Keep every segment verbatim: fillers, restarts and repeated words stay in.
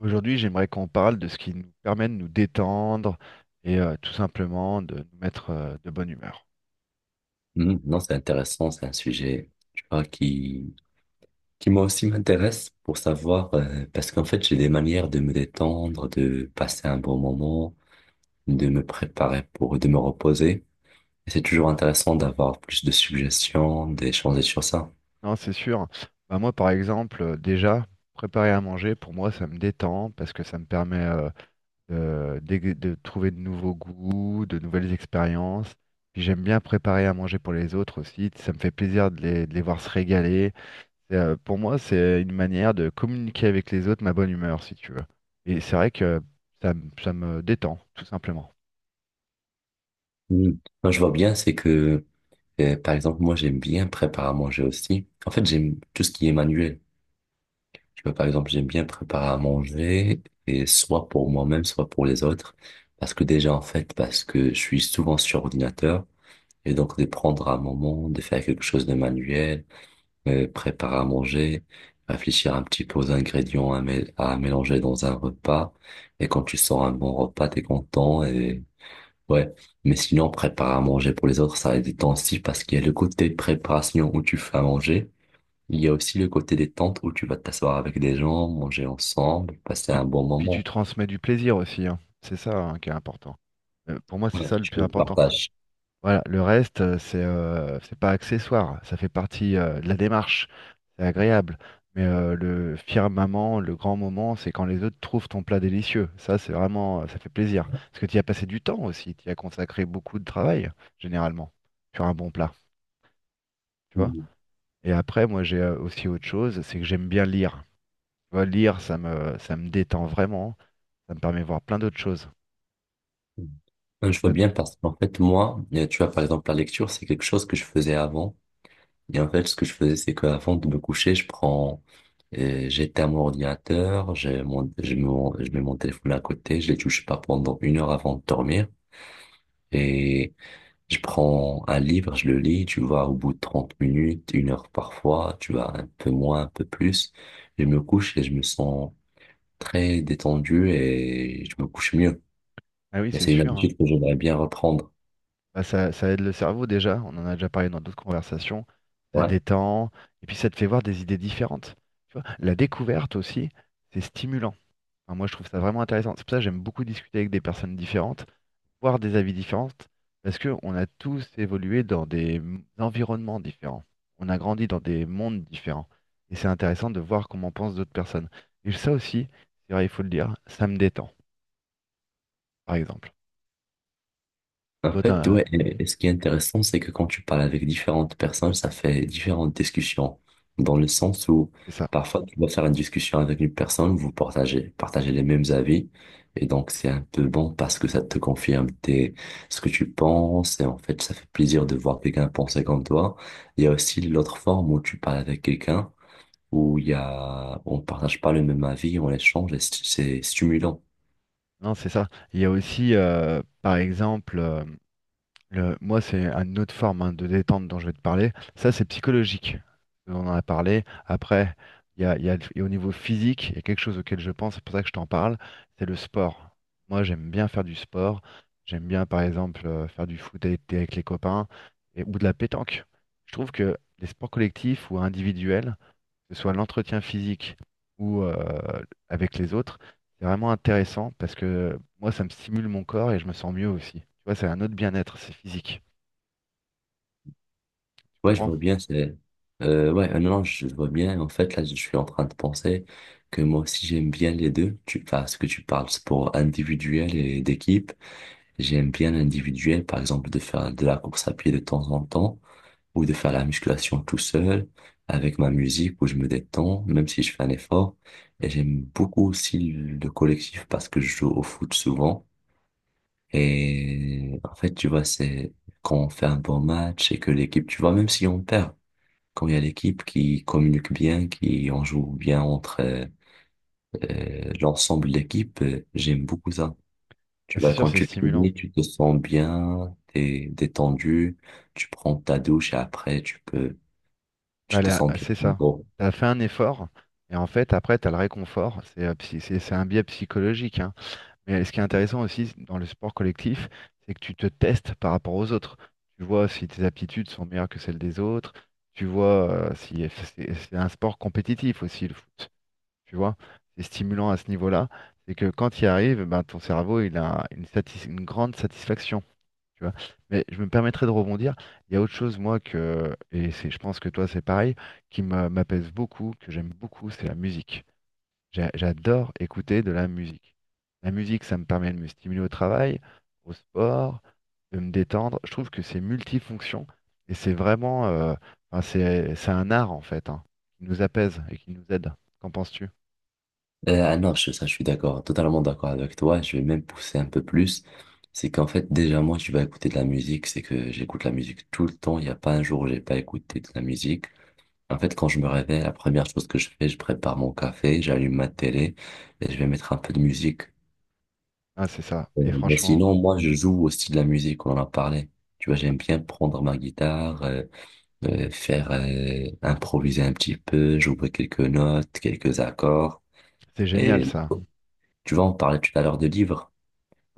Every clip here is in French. Aujourd'hui, j'aimerais qu'on parle de ce qui nous permet de nous détendre et euh, tout simplement de nous mettre, euh, de bonne humeur. Mhm. Non, c'est intéressant, c'est un sujet, tu vois, qui, qui moi aussi m'intéresse pour savoir, euh, parce qu'en fait, j'ai des manières de me détendre, de passer un bon moment, de me préparer pour, de me reposer. Et c'est toujours intéressant d'avoir plus de suggestions, d'échanger sur ça. Non, c'est sûr. Bah, moi, par exemple, euh, déjà, préparer à manger, pour moi, ça me détend parce que ça me permet euh, de, d'é- de trouver de nouveaux goûts, de nouvelles expériences. Puis j'aime bien préparer à manger pour les autres aussi. Ça me fait plaisir de les, de les voir se régaler. Et, euh, pour moi, c'est une manière de communiquer avec les autres ma bonne humeur, si tu veux. Et c'est vrai que ça me ça me détend, tout simplement. Mm. Moi, je vois bien, c'est que, euh, par exemple, moi, j'aime bien préparer à manger aussi. En fait, j'aime tout ce qui est manuel. Tu vois, par exemple, j'aime bien préparer à manger, et soit pour moi-même, soit pour les autres. Parce que déjà, en fait, parce que je suis souvent sur ordinateur, et donc de prendre un moment, de faire quelque chose de manuel, euh, préparer à manger, réfléchir un petit peu aux ingrédients à, mé- à mélanger dans un repas. Et quand tu sors un bon repas, t'es content, et ouais. Mais sinon, préparer à manger pour les autres, ça a du temps aussi, parce qu'il y a le côté préparation où tu fais à manger. Il y a aussi le côté détente où tu vas t'asseoir avec des gens, manger ensemble, passer Puis, un bon puis tu moment. transmets du plaisir aussi, hein. C'est ça, hein, qui est important. Euh, Pour moi, c'est Ouais, ça le tu plus le important. partages. Voilà, le reste, euh, c'est euh, c'est pas accessoire. Ça fait partie, euh, de la démarche. C'est agréable. Mais euh, le firmament, le grand moment, c'est quand les autres trouvent ton plat délicieux. Ça, c'est vraiment, euh, ça fait plaisir. Parce que tu y as passé du temps aussi. Tu y as consacré beaucoup de travail, généralement, sur un bon plat. Tu vois? Mhm. Et après, moi, j'ai euh, aussi autre chose, c'est que j'aime bien lire. Tu vois, lire, ça me, ça me détend vraiment. Ça me permet de voir plein d'autres choses. Non, Je sais je vois pas. bien parce qu'en fait, moi, euh, tu vois, par exemple, la lecture, c'est quelque chose que je faisais avant. Et en fait, ce que je faisais, c'est qu'avant de me coucher, je prends, euh, j'éteins à mon ordinateur, j'ai mon, je, mets mon- je mets mon téléphone à côté, je les touche pas pendant une heure avant de dormir. Et je prends un livre, je le lis, tu vois, au bout de trente minutes, une heure parfois, tu vois, un peu moins, un peu plus. Je me couche et je me sens très détendu et je me couche mieux. Ah oui, Et c'est c'est une sûr, hein. habitude que j'aimerais bien reprendre. Bah, ça, ça aide le cerveau déjà, on en a déjà parlé dans d'autres conversations, ça Ouais. détend, et puis ça te fait voir des idées différentes. Tu vois, la découverte aussi, c'est stimulant. Enfin, moi, je trouve ça vraiment intéressant. C'est pour ça que j'aime beaucoup discuter avec des personnes différentes, voir des avis différents, parce qu'on a tous évolué dans des m- environnements différents. On a grandi dans des mondes différents. Et c'est intéressant de voir comment pensent d'autres personnes. Et ça aussi, c'est vrai, il faut le dire, ça me détend, par exemple. Et En toi, fait, ouais, t'as... Oui, et, et ce qui est intéressant, c'est que quand tu parles avec différentes personnes, ça fait différentes discussions, dans le sens où c'est ça. parfois tu vas faire une discussion avec une personne, vous partagez, partagez les mêmes avis, et donc c'est un peu bon parce que ça te confirme tes, ce que tu penses, et en fait, ça fait plaisir de voir quelqu'un penser comme toi. Il y a aussi l'autre forme où tu parles avec quelqu'un, où il y a, on partage pas le même avis, on échange, et c'est c'est stimulant. Non, c'est ça. Il y a aussi, euh, par exemple, euh, le- moi, c'est une autre forme, hein, de détente dont je vais te parler. Ça, c'est psychologique. On en a parlé. Après, il y a, il y a- et au niveau physique, il y a quelque chose auquel je pense, c'est pour ça que je t'en parle, c'est le sport. Moi, j'aime bien faire du sport. J'aime bien, par exemple, euh, faire du foot avec, avec les copains et, ou de la pétanque. Je trouve que les sports collectifs ou individuels, que ce soit l'entretien physique ou, euh, avec les autres, c'est vraiment intéressant parce que moi, ça me stimule mon corps et je me sens mieux aussi. Tu vois, c'est un autre bien-être, c'est physique. Tu Ouais, je comprends? vois bien, c'est... Euh, ouais, euh, non, non, je je vois bien. En fait, là, je suis en train de penser que moi aussi, j'aime bien les deux. Tu... Enfin, ce que tu parles, sport individuel et d'équipe. J'aime bien l'individuel, par exemple, de faire de la course à pied de temps en temps ou de faire la musculation tout seul avec ma musique où je me détends, même si je fais un effort. Et j'aime beaucoup aussi le collectif parce que je joue au foot souvent. Et en fait, tu vois, c'est quand on fait un bon match et que l'équipe, tu vois, même si on perd, quand il y a l'équipe qui communique bien, qui en joue bien entre euh, euh, l'ensemble de l'équipe, euh, j'aime beaucoup ça. Bah, Tu c'est vois, sûr, quand c'est tu stimulant. finis, tu te sens bien, t'es détendu, tu prends ta douche et après tu peux, Bah, tu te là, sens bien. c'est En ça. gros. Tu as fait un effort et en fait, après, tu as le réconfort. C'est euh, psy- c'est- c'est un biais psychologique, hein. Mais ce qui est intéressant aussi dans le sport collectif, c'est que tu te testes par rapport aux autres. Tu vois si tes aptitudes sont meilleures que celles des autres. Tu vois, euh, si c'est c'est un sport compétitif aussi, le foot. Tu vois, c'est stimulant à ce niveau-là. C'est que quand il arrive, ben, ton cerveau, il a une, satis- une grande satisfaction. Tu vois. Mais je me permettrai de rebondir. Il y a autre chose, moi, que, et c'est, je pense que toi, c'est pareil, qui m'a- m'apaise beaucoup, que j'aime beaucoup, c'est la musique. J'a- J'adore écouter de la musique. La musique, ça me permet de me stimuler au travail, au sport, de me détendre. Je trouve que c'est multifonction et c'est vraiment, euh, enfin, c'est, c'est un art, en fait, hein, qui nous apaise et qui nous aide. Qu'en penses-tu? Euh, ah non, je, ça, je suis d'accord, totalement d'accord avec toi. Je vais même pousser un peu plus. C'est qu'en fait, déjà, moi, tu vas écouter de la musique. C'est que j'écoute la musique tout le temps. Il n'y a pas un jour où j'ai pas écouté de la musique. En fait, quand je me réveille, la première chose que je fais, je prépare mon café, j'allume ma télé et je vais mettre un peu de musique. Ah, c'est ça. Euh, Et Mais franchement, sinon, moi, je joue aussi de la musique, on en a parlé. Tu vois, j'aime bien prendre ma guitare, euh, euh, faire euh, improviser un petit peu, jouer quelques notes, quelques accords. c'est génial Et ça. tu vois, on parlait tout à l'heure de livres,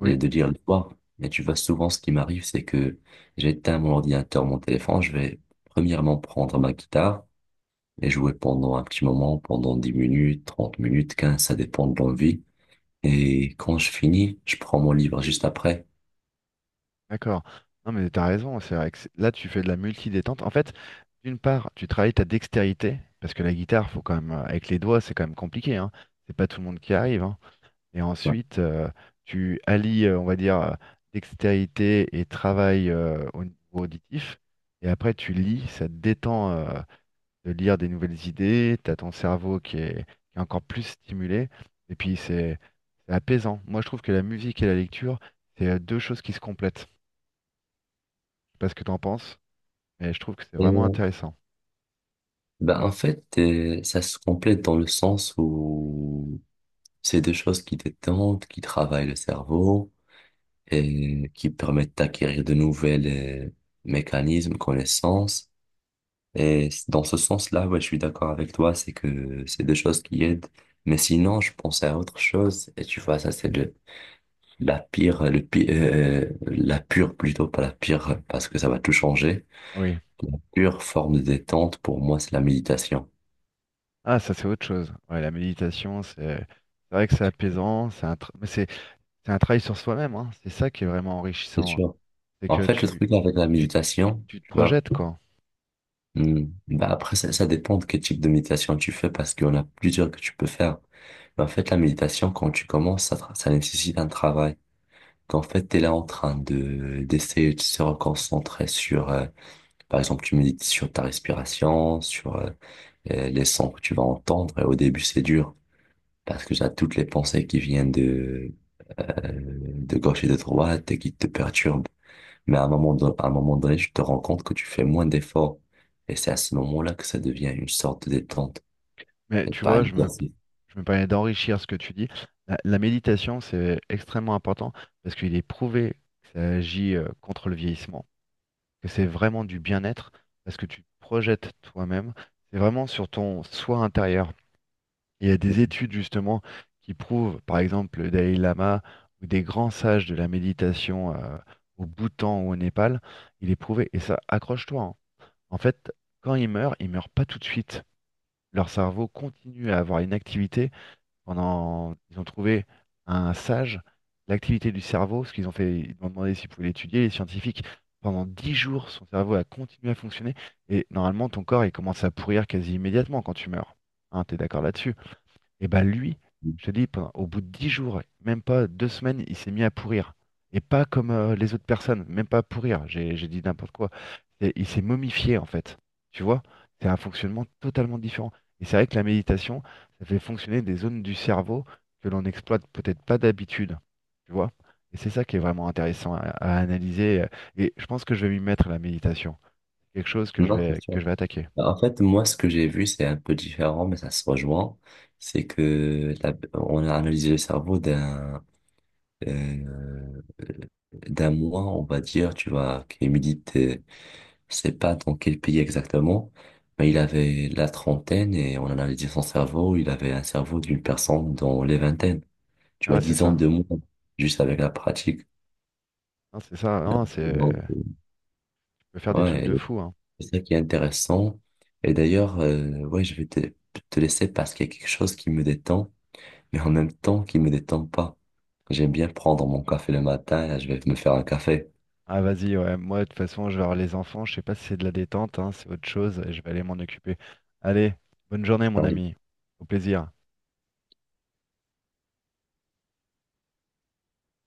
de de lire le soir. Mais tu vois, souvent, ce qui m'arrive, c'est que j'éteins mon ordinateur, mon téléphone, je vais premièrement prendre ma guitare et jouer pendant un petit moment, pendant dix minutes, trente minutes, quinze ça dépend de l'envie. Et quand je finis, je prends mon livre juste après. d'accord. Non, mais t'as raison. C'est vrai que c'est- là, tu fais de la multi-détente. En fait, d'une part, tu travailles ta dextérité, parce que la guitare, faut quand même, euh, avec les doigts, c'est quand même compliqué, hein. C'est pas tout le monde qui arrive, hein. Et ensuite, euh, tu allies, euh, on va dire, euh, dextérité et travail euh, au niveau auditif. Et après, tu lis, ça te détend, euh, de lire des nouvelles idées, t'as ton cerveau qui est, qui est encore plus stimulé, et puis c'est c'est apaisant. Moi, je trouve que la musique et la lecture, c'est, euh, deux choses qui se complètent. Je sais pas ce que t'en penses, mais je trouve que c'est Et vraiment euh, intéressant. ben en fait, euh, ça se complète dans le sens où c'est des choses qui détendent, qui travaillent le cerveau et qui permettent d'acquérir de nouvelles euh, mécanismes, connaissances. Et c- dans ce sens-là, ouais, je suis d'accord avec toi, c'est que c'est des choses qui aident. Mais sinon, je pensais à autre chose. Et tu vois, ça, c'est de La pire, le pi- euh, la pure plutôt, pas la pire, parce que ça va tout changer. Oui. La pure forme de détente, pour moi, c'est la méditation. Ah, ça, c'est autre chose. Ouais, la méditation, c'est c'est vrai que c'est apaisant, c'est un, tra- mais c'est c'est un travail sur soi-même, hein. C'est ça qui est vraiment C'est enrichissant, hein. sûr. C'est En que fait, le tu, truc avec la tu, méditation, tu te tu vois, projettes, quoi. hmm, bah après, ça, ça dépend de quel type de méditation tu fais, parce qu'il y en a plusieurs que tu peux faire. Mais en fait, la méditation, quand tu commences, ça, tra- ça nécessite un travail. Qu'en fait, tu es là en train de d'essayer de se reconcentrer sur, euh, par exemple, tu médites sur ta respiration, sur euh, euh, les sons que tu vas entendre, et au début, c'est dur. Parce que j'ai toutes les pensées qui viennent de, euh, de gauche et de droite et qui te perturbent. Mais à un moment, don- à un moment donné, tu te rends compte que tu fais moins d'efforts. Et c'est à ce moment-là que ça devient une sorte de détente Mais et tu pas un vois, je me, exercice. je me permets d'enrichir ce que tu dis. La, la méditation, c'est extrêmement important parce qu'il est prouvé que ça agit, euh, contre le vieillissement, que c'est vraiment du bien-être parce que tu te projettes toi-même. C'est vraiment sur ton soi intérieur. Il y a des études justement qui prouvent, par exemple, le Dalai Lama ou des grands sages de la méditation, euh, au Bhoutan ou au Népal, il est prouvé. Et ça, accroche-toi, hein. En fait, quand ils meurent, ils meurent pas tout de suite. Leur cerveau continue à avoir une activité pendant, ils ont trouvé un sage, l'activité du cerveau, ce qu'ils ont fait, ils m'ont demandé s'ils pouvaient l'étudier, les scientifiques, pendant dix jours, son cerveau a continué à fonctionner, et normalement, ton corps, il commence à pourrir quasi immédiatement quand tu meurs. Hein, t'es d'accord là-dessus? Et bah lui, je te dis, pendant- au bout de dix jours, même pas deux semaines, il s'est mis à pourrir. Et pas comme euh, les autres personnes, même pas à pourrir, j'ai j'ai dit n'importe quoi. C'est- Il s'est momifié en fait. Tu vois, c'est un fonctionnement totalement différent. Et c'est vrai que la méditation, ça fait fonctionner des zones du cerveau que l'on n'exploite peut-être pas d'habitude. Tu vois? Et c'est ça qui est vraiment intéressant à, à analyser. euh, Et je pense que je vais m'y mettre à la méditation. Quelque chose que je Non, c'est vais, sûr. que je vais attaquer. En fait, moi, ce que j'ai vu, c'est un peu différent, mais ça se rejoint. C'est que la- on a analysé le cerveau d'un euh, d'un moine, on va dire, tu vois, qui médite. Je sais pas dans quel pays exactement, mais il avait la trentaine et on en analysait son cerveau, il avait un cerveau d'une personne dans les vingtaines. Tu vois, Ah, c'est dix ans ça. de moins, juste avec la pratique. Non, c'est ça. Non, c'est. Donc, euh, Tu peux faire des trucs Ouais, de fou, hein. c'est ça qui est intéressant. Et d'ailleurs, euh, ouais, je vais te, te laisser parce qu'il y a quelque chose qui me détend, mais en même temps qui me détend pas. J'aime bien prendre mon café le matin, je vais me faire un café. Ah vas-y, ouais. Moi, de toute façon, je vais voir les enfants. Je sais pas si c'est de la détente, hein, c'est autre chose. Et je vais aller m'en occuper. Allez, bonne journée, mon ami. Au plaisir.